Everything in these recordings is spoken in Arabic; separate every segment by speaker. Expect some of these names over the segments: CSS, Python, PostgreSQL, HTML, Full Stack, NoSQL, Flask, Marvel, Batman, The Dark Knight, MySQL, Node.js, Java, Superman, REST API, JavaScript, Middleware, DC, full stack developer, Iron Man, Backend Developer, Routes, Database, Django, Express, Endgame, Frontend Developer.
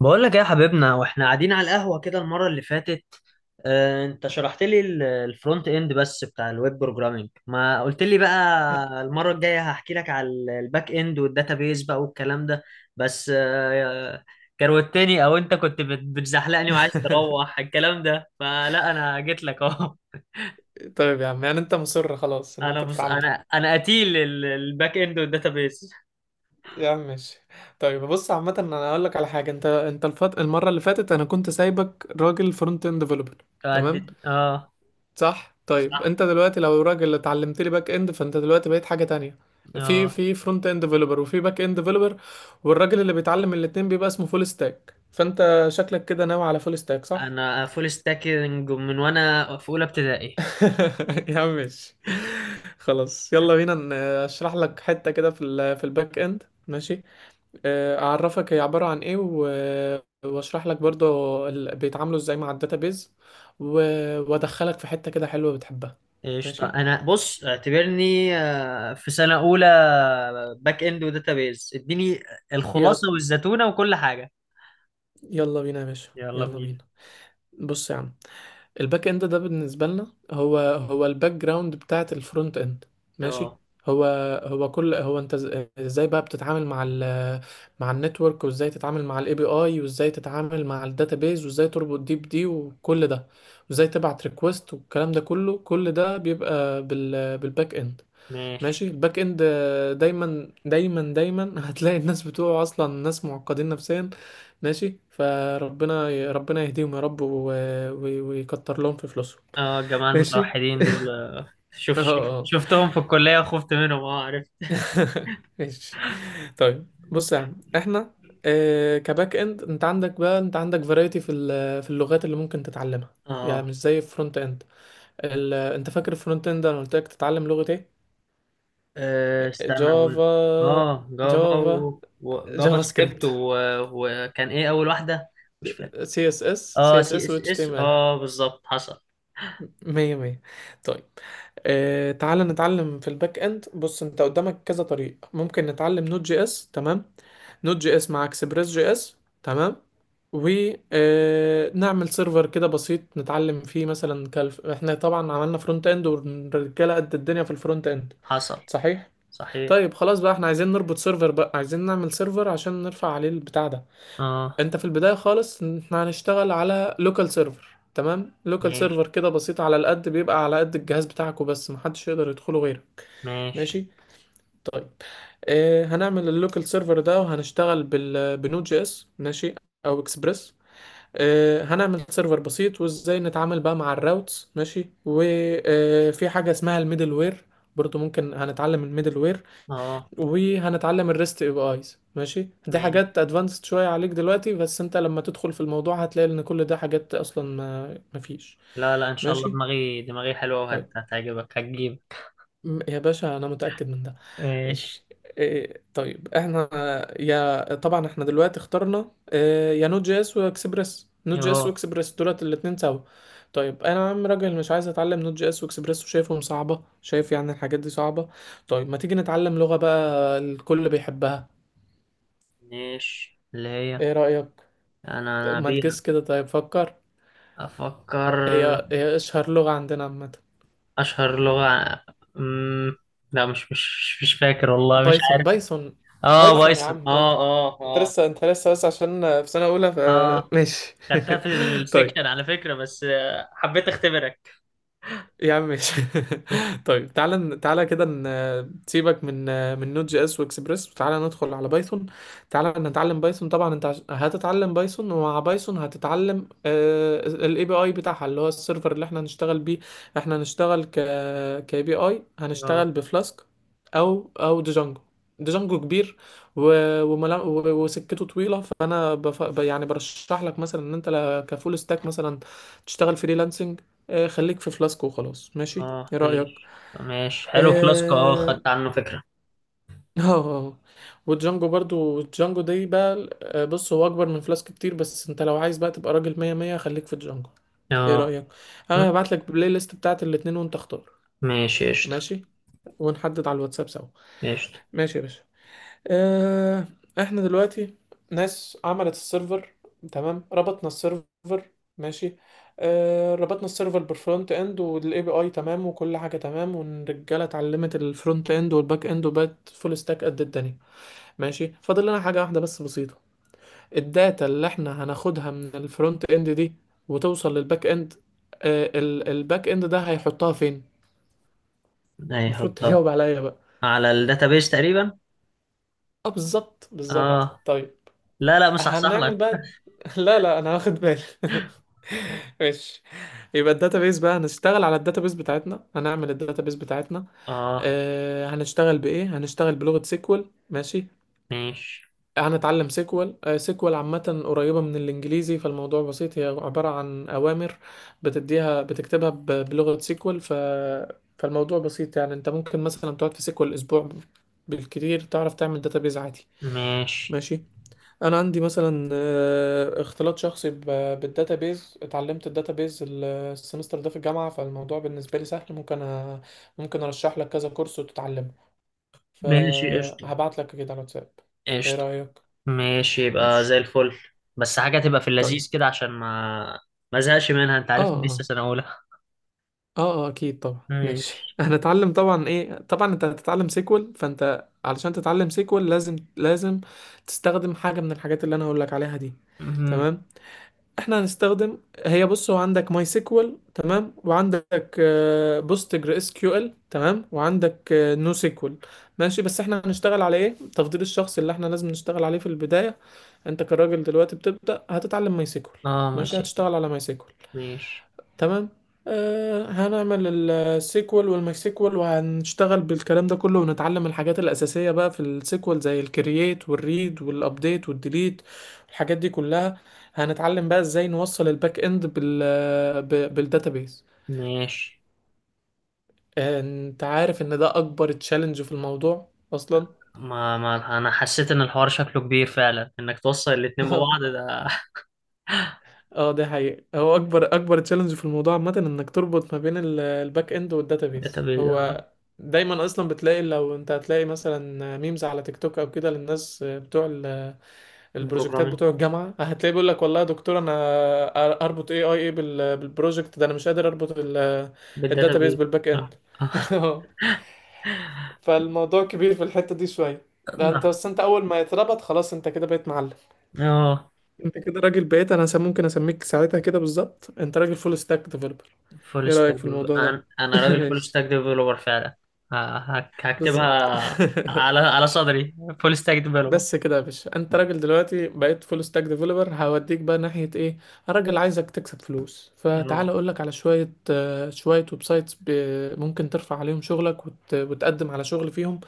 Speaker 1: بقول لك ايه يا حبيبنا واحنا قاعدين على القهوة كده المرة اللي فاتت. انت شرحت لي الفرونت اند بس بتاع الويب بروجرامينج، ما قلت لي بقى المرة الجاية هحكي لك على الباك اند والداتابيز بقى والكلام ده. بس كروتني او انت كنت بتزحلقني وعايز تروح الكلام ده، فلا انا جيت لك اهو.
Speaker 2: طيب يا عم، يعني انت مصر خلاص ان
Speaker 1: انا
Speaker 2: انت
Speaker 1: بص،
Speaker 2: تتعلم.
Speaker 1: انا قتيل الباك اند والداتابيز.
Speaker 2: يا عم ماشي. طيب بص، عامة انا هقول لك على حاجة، انت المرة اللي فاتت انا كنت سايبك راجل فرونت اند ديفلوبر. تمام.
Speaker 1: اه.
Speaker 2: صح، طيب
Speaker 1: صح.
Speaker 2: انت دلوقتي لو راجل اتعلمت لي باك اند فانت دلوقتي بقيت حاجة تانية. في
Speaker 1: اه.
Speaker 2: في فرونت اند ديفلوبر وفي باك اند ديفلوبر، والراجل اللي بيتعلم الاتنين بيبقى اسمه فول ستاك، فانت شكلك كده ناوي على فول ستاك، صح؟
Speaker 1: انا فول ستاكينج من وانا في اولى ابتدائي.
Speaker 2: يا عم ماشي. خلاص يلا بينا، اشرح لك حتة كده في ال في الباك اند، ماشي. اعرفك هي عبارة عن ايه، واشرح لك برضو بيتعاملوا ازاي مع الداتابيز، وادخلك في حتة كده حلوة بتحبها.
Speaker 1: قشطة.
Speaker 2: ماشي.
Speaker 1: أنا بص اعتبرني في سنة أولى باك إند وداتابيز، اديني
Speaker 2: يلا
Speaker 1: الخلاصة والزتونة وكل حاجة.
Speaker 2: يلا بينا يا باشا،
Speaker 1: يلا
Speaker 2: يلا
Speaker 1: بينا.
Speaker 2: بينا. بص يا عم، الباك اند ده بالنسبه لنا هو هو الباك جراوند بتاعه الفرونت اند. ماشي.
Speaker 1: اه
Speaker 2: هو هو انت ازاي بقى بتتعامل مع مع النتورك، وازاي تتعامل مع الاي بي اي، وازاي تتعامل مع الداتابيز، وازاي تربط دي بدي، وكل ده، وازاي تبعت ريكوست والكلام ده كله، كل ده بيبقى بالباك اند.
Speaker 1: ماشي.
Speaker 2: ماشي. الباك اند دايما دايما دايما هتلاقي الناس بتوعه اصلا ناس معقدين نفسيا. ماشي، فربنا ربنا يهديهم يا رب، و... ويكتر لهم في فلوسهم.
Speaker 1: اه، الجماعة
Speaker 2: ماشي.
Speaker 1: المتوحدين دول شوف،
Speaker 2: اه
Speaker 1: شوف،
Speaker 2: اه.
Speaker 1: شفتهم في الكلية وخفت منهم، اه عارف.
Speaker 2: ماشي. طيب بص يا عم احنا، كباك اند انت عندك بقى، انت عندك فرايتي في في اللغات اللي ممكن تتعلمها، يعني
Speaker 1: اه.
Speaker 2: مش زي الفرونت اند. انت فاكر الفرونت اند انا قلت لك تتعلم لغة ايه؟
Speaker 1: استنى أقول.
Speaker 2: جافا.
Speaker 1: اه، جافا
Speaker 2: جافا،
Speaker 1: جافا
Speaker 2: جافا سكريبت.
Speaker 1: سكريبت وكان إيه أول واحدة؟ مش فاكر.
Speaker 2: سي اس اس. سي
Speaker 1: اه
Speaker 2: اس
Speaker 1: سي
Speaker 2: اس و
Speaker 1: اس
Speaker 2: اتش تي
Speaker 1: اس،
Speaker 2: ام ال.
Speaker 1: اه بالظبط حصل.
Speaker 2: مية مية. طيب. آه تعال نتعلم في الباك اند. بص انت قدامك كذا طريق، ممكن نتعلم نوت جي اس. تمام. نوت جي اس مع اكسبريس جي اس. تمام. ونعمل سيرفر كده بسيط نتعلم فيه مثلا، كالف احنا طبعا عملنا فرونت اند والرجاله قد الدنيا في الفرونت اند.
Speaker 1: حصل.
Speaker 2: صحيح.
Speaker 1: صحيح.
Speaker 2: طيب خلاص بقى، احنا عايزين نربط سيرفر بقى، عايزين نعمل سيرفر عشان نرفع عليه البتاع ده.
Speaker 1: اه
Speaker 2: انت في البداية خالص ان احنا هنشتغل على لوكال سيرفر. تمام. لوكال
Speaker 1: ماشي.
Speaker 2: سيرفر كده بسيط على القد، بيبقى على قد الجهاز بتاعك وبس، محدش يقدر يدخله غيره.
Speaker 1: ماشي.
Speaker 2: ماشي. طيب. اه هنعمل اللوكال سيرفر ده وهنشتغل بنود جي اس ماشي، او اكسبريس. اه هنعمل سيرفر بسيط، وازاي نتعامل بقى مع الراوتس ماشي، وفي حاجة اسمها الميدل وير، برضو ممكن هنتعلم الميدل وير.
Speaker 1: اه
Speaker 2: وهنتعلم الريست اي بي ايز ماشي. دي
Speaker 1: ماشي.
Speaker 2: حاجات ادفانسد شويه عليك دلوقتي، بس انت لما تدخل في الموضوع هتلاقي ان كل ده حاجات اصلا ما مفيش.
Speaker 1: لا لا ان شاء الله،
Speaker 2: ماشي.
Speaker 1: دماغي حلوه
Speaker 2: طيب
Speaker 1: وهتعجبك هتجيب.
Speaker 2: يا باشا انا متاكد من ده.
Speaker 1: ماشي.
Speaker 2: ماشي. إيه طيب احنا، يا طبعا احنا دلوقتي اخترنا إيه، يا نوت جي اس واكسبريس. نوت جي اس
Speaker 1: اهو.
Speaker 2: واكسبريس دولت الاتنين سوا. طيب انا يا عم راجل مش عايز اتعلم نوت جي اس واكسبريس وشايفهم صعبه، شايف يعني الحاجات دي صعبه. طيب ما تيجي نتعلم لغه بقى الكل بيحبها،
Speaker 1: ماشي اللي هي.
Speaker 2: ايه رايك؟
Speaker 1: انا
Speaker 2: ما
Speaker 1: بيها.
Speaker 2: تجس كده، طيب فكر.
Speaker 1: افكر.
Speaker 2: هي هي اشهر لغة عندنا عامة.
Speaker 1: اشهر لغه. أمم، لا، مش فاكر والله، مش
Speaker 2: بايثون.
Speaker 1: عارف.
Speaker 2: بايثون،
Speaker 1: اه
Speaker 2: بايثون يا
Speaker 1: بايثون.
Speaker 2: عم
Speaker 1: اه
Speaker 2: بايثون.
Speaker 1: اه
Speaker 2: انت
Speaker 1: اه.
Speaker 2: لسه انت لسه بس عشان في سنة اولى ف...
Speaker 1: اه
Speaker 2: ماشي.
Speaker 1: خدتها في
Speaker 2: طيب
Speaker 1: السكشن على فكره، بس حبيت اختبرك.
Speaker 2: يا عم ماشي. طيب تعالى تعالى كده، سيبك من من نوت جي اس واكسبريس وتعالى ندخل على بايثون. تعالى نتعلم بايثون. طبعا انت هتتعلم بايثون، ومع بايثون هتتعلم الاي بي اي بتاعها اللي هو السيرفر اللي احنا هنشتغل بيه. احنا هنشتغل كاي بي اي
Speaker 1: اه
Speaker 2: هنشتغل بفلاسك، او ديجانجو. ديجانجو كبير، و... وسكته طويله، يعني برشح لك مثلا ان انت كفول ستاك مثلا تشتغل فريلانسنج. خليك في فلاسكو وخلاص ماشي،
Speaker 1: اه.
Speaker 2: ايه رأيك؟
Speaker 1: ماشي. ماشي حلو فلاسكو، اه
Speaker 2: اه.
Speaker 1: خدت عنه فكرة.
Speaker 2: آه. آه. والجانجو برضو، الجانجو دي بقى، بص هو اكبر من فلاسك كتير، بس انت لو عايز بقى تبقى راجل مية مية خليك في الجانجو. ايه
Speaker 1: اه.
Speaker 2: رأيك؟
Speaker 1: م-
Speaker 2: انا هبعت لك البلاي ليست بتاعت الاتنين وانت اختار.
Speaker 1: ماشي. قشطة.
Speaker 2: ماشي، ونحدد على الواتساب سوا.
Speaker 1: قشطة.
Speaker 2: ماشي يا باشا. آه، احنا دلوقتي ناس عملت السيرفر، تمام، ربطنا السيرفر، ماشي. ربطنا السيرفر بالفرونت اند والاي بي اي، تمام، وكل حاجه تمام، والرجاله اتعلمت الفرونت اند والباك اند وبقت فول ستاك قد الدنيا. ماشي، فاضل لنا حاجه واحده بس بسيطه. الداتا اللي احنا هناخدها من الفرونت اند دي وتوصل للباك اند، الباك اند ده هيحطها فين؟ المفروض
Speaker 1: هيحطها
Speaker 2: تجاوب عليا بقى.
Speaker 1: على الداتابيس تقريبا.
Speaker 2: اه بالظبط بالظبط،
Speaker 1: اه.
Speaker 2: طيب.
Speaker 1: لا لا مصحصح
Speaker 2: هنعمل
Speaker 1: لك.
Speaker 2: بقى. لا لا انا واخد بالي. ماشي. يبقى الداتابيس بقى، هنشتغل على الداتابيس بتاعتنا، هنعمل الداتابيس بتاعتنا.
Speaker 1: اه.
Speaker 2: آه هنشتغل بايه، هنشتغل بلغة سيكوال ماشي.
Speaker 1: ماشي.
Speaker 2: هنتعلم سيكوال. آه سيكوال عامة قريبة من الانجليزي، فالموضوع بسيط، هي عبارة عن اوامر بتديها، بتكتبها بلغة سيكوال، فالموضوع بسيط. يعني انت ممكن مثلا تقعد في سيكوال اسبوع بالكتير تعرف تعمل داتابيس عادي.
Speaker 1: ماشي.
Speaker 2: ماشي. انا عندي مثلا، اختلاط شخصي بالداتابيز، اتعلمت الداتابيز السمستر ده في الجامعه، فالموضوع بالنسبه لي سهل، ممكن ممكن ارشح لك كذا كورس وتتعلمه،
Speaker 1: ماشي قشطة.
Speaker 2: فهبعت لك كده على الواتساب، ايه
Speaker 1: قشطة.
Speaker 2: رايك؟
Speaker 1: ماشي، يبقى زي
Speaker 2: ماشي.
Speaker 1: الفل. بس حاجة تبقى في
Speaker 2: طيب
Speaker 1: اللذيذ كده، عشان ما ازهقش منها، انت
Speaker 2: اه
Speaker 1: عارف إني لسه
Speaker 2: اه.
Speaker 1: سنة أولى.
Speaker 2: اه اه، اكيد طبعا، ماشي.
Speaker 1: ماشي.
Speaker 2: هنتعلم طبعا. ايه طبعا، انت هتتعلم سيكوال، فانت علشان تتعلم سيكوال لازم لازم تستخدم حاجه من الحاجات اللي انا هقول لك عليها دي.
Speaker 1: مهم.
Speaker 2: تمام. احنا هنستخدم، هي بص، هو عندك ماي سيكوال تمام، وعندك بوستجر اس كيو ال تمام، وعندك نو سيكوال ماشي. بس احنا هنشتغل على ايه تفضيل الشخص اللي احنا لازم نشتغل عليه في البداية. انت كراجل دلوقتي بتبدأ هتتعلم ماي سيكوال.
Speaker 1: اه
Speaker 2: ماشي
Speaker 1: ماشي.
Speaker 2: هتشتغل على ماي سيكوال.
Speaker 1: ماشي.
Speaker 2: تمام. آه هنعمل السيكوال والمايسيكوال، وهنشتغل بالكلام ده كله، ونتعلم الحاجات الأساسية بقى في السيكوال زي الكرييت والريد والابديت والديليت، الحاجات دي كلها. هنتعلم بقى ازاي نوصل الباك اند بالداتابيس.
Speaker 1: ماشي.
Speaker 2: انت عارف ان ده اكبر تشالنج في الموضوع اصلا.
Speaker 1: ما انا حسيت ان الحوار شكله كبير فعلا، انك توصل الاتنين ببعض ده.
Speaker 2: اه دي حقيقة، هو اكبر اكبر تشالنج في الموضوع عامة انك تربط ما بين الباك اند والداتابيز.
Speaker 1: داتابيس.
Speaker 2: هو دايما اصلا بتلاقي، لو انت هتلاقي مثلا ميمز على تيك توك او كده، للناس بتوع البروجكتات
Speaker 1: بروجرامينج.
Speaker 2: بتوع الجامعة، هتلاقي بيقول لك والله يا دكتور انا اربط اي اي ايه بالبروجكت ده، انا مش قادر اربط الداتابيز
Speaker 1: بالداتابيس.
Speaker 2: بالباك اند.
Speaker 1: اه. آه.
Speaker 2: فالموضوع كبير في الحتة دي شوية. لا انت
Speaker 1: نعم.
Speaker 2: بس، انت اول ما يتربط خلاص انت كده بقيت معلم.
Speaker 1: آه.
Speaker 2: انت كده راجل بقيت، انا ممكن اسميك ساعتها كده بالظبط، انت راجل فول ستاك ديفلوبر.
Speaker 1: فول
Speaker 2: ايه
Speaker 1: ستاك
Speaker 2: رأيك في
Speaker 1: ديفلوبر.
Speaker 2: الموضوع ده؟
Speaker 1: أنا راجل فول
Speaker 2: ماشي.
Speaker 1: ستاك ديفلوبر فعلا.
Speaker 2: بالظبط.
Speaker 1: هكتبها على على صدري: فول ستاك ديفلوبر.
Speaker 2: بس كده يا باشا، انت راجل دلوقتي بقيت فول ستاك ديفلوبر، هوديك بقى ناحية ايه. راجل عايزك تكسب فلوس، فتعال
Speaker 1: اه.
Speaker 2: اقولك على شوية، شوية ويب سايتس ممكن ترفع عليهم شغلك وتقدم على شغل فيهم.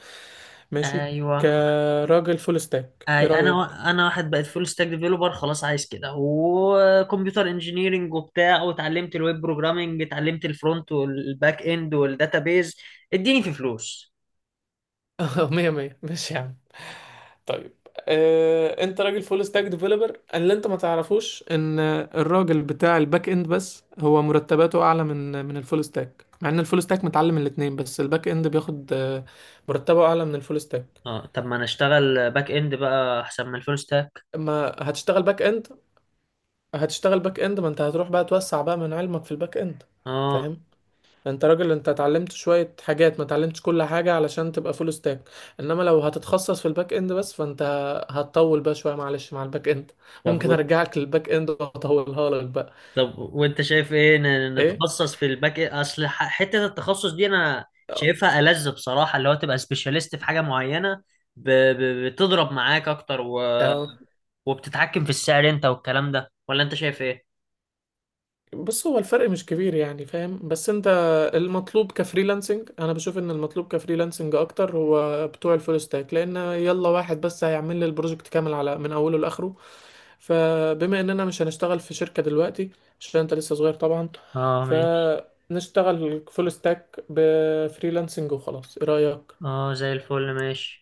Speaker 2: ماشي.
Speaker 1: ايوه.
Speaker 2: كراجل فول ستاك ايه
Speaker 1: أي انا
Speaker 2: رأيك؟
Speaker 1: انا واحد بقيت فول ستاك ديفلوبر خلاص، عايز كده وكمبيوتر انجينيرنج وبتاع، واتعلمت الويب بروجرامنج، اتعلمت الفرونت والباك اند والداتابيز. اديني في فلوس.
Speaker 2: مية مية، ماشي يا عم. طيب انت راجل فول ستاك ديفلوبر، اللي انت ما تعرفوش ان الراجل بتاع الباك اند بس هو مرتباته اعلى من الفول ستاك، مع ان الفول ستاك متعلم الاتنين، بس الباك اند بياخد مرتبه اعلى من الفول ستاك.
Speaker 1: اه، طب ما انا اشتغل باك اند بقى، احسن من الفول ستاك.
Speaker 2: اما هتشتغل باك اند، هتشتغل باك اند، ما انت هتروح بقى توسع بقى من علمك في الباك اند،
Speaker 1: اه.
Speaker 2: فاهم؟ انت راجل، انت اتعلمت شوية حاجات، ما اتعلمتش كل حاجة علشان تبقى فول ستاك، انما لو هتتخصص في الباك اند بس فانت هتطول بقى شوية معلش مع الباك اند،
Speaker 1: طب
Speaker 2: ممكن ارجعك للباك اند واطولها لك بقى.
Speaker 1: طب وانت شايف ايه
Speaker 2: ايه
Speaker 1: نتخصص في الباك إيه؟ اصل حته التخصص دي انا شايفها ألذ بصراحه، اللي هو تبقى سبيشاليست في حاجه معينه، بتضرب معاك اكتر
Speaker 2: اه،
Speaker 1: وبتتحكم في السعر انت والكلام ده، ولا انت شايف ايه؟
Speaker 2: بص هو الفرق مش كبير يعني، فاهم؟ بس انت المطلوب كفريلانسنج، انا بشوف ان المطلوب كفريلانسنج اكتر هو بتوع الفول ستاك، لان يلا واحد بس هيعمل لي البروجكت كامل على من اوله لاخره، فبما اننا مش هنشتغل في شركة دلوقتي عشان انت لسه صغير طبعا،
Speaker 1: اه ماشي.
Speaker 2: فنشتغل فول ستاك بفريلانسنج وخلاص، ايه رأيك؟
Speaker 1: اه زي الفل ماشي.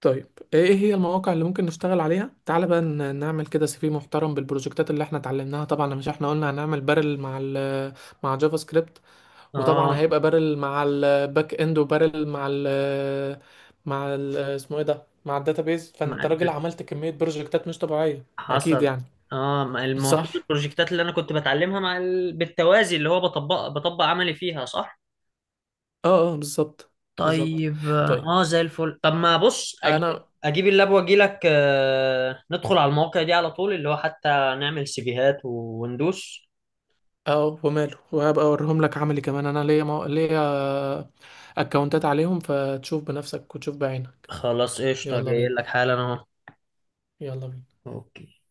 Speaker 2: طيب. ايه إيه هي المواقع اللي ممكن نشتغل عليها، تعال بقى نعمل كده سي في محترم بالبروجكتات اللي احنا اتعلمناها. طبعا مش احنا قلنا هنعمل بارل مع مع جافا سكريبت، وطبعا
Speaker 1: اه.
Speaker 2: هيبقى بارل مع الباك اند، وبارل مع ال مع ال اسمه ايه ده، مع الداتابيز.
Speaker 1: مع
Speaker 2: فانت راجل
Speaker 1: الد-
Speaker 2: عملت كمية بروجكتات مش طبيعية، اكيد
Speaker 1: حصل.
Speaker 2: يعني.
Speaker 1: اه، ما المفروض
Speaker 2: صح.
Speaker 1: البروجكتات اللي انا كنت بتعلمها مع بالتوازي، اللي هو بطبق، بطبق عملي فيها، صح؟
Speaker 2: اه اه بالظبط بالظبط.
Speaker 1: طيب.
Speaker 2: طيب
Speaker 1: اه زي الفل. طب ما بص،
Speaker 2: انا
Speaker 1: اجيب اللاب واجي لك. ندخل على المواقع دي على طول، اللي هو حتى نعمل سيفيهات وندوس.
Speaker 2: اه وماله، وهبقى اوريهم لك عملي كمان، انا ليا ليا اكونتات عليهم فتشوف بنفسك وتشوف بعينك.
Speaker 1: خلاص قشطة،
Speaker 2: يلا
Speaker 1: جاي
Speaker 2: بينا،
Speaker 1: لك حالا اهو.
Speaker 2: يلا بينا.
Speaker 1: اوكي.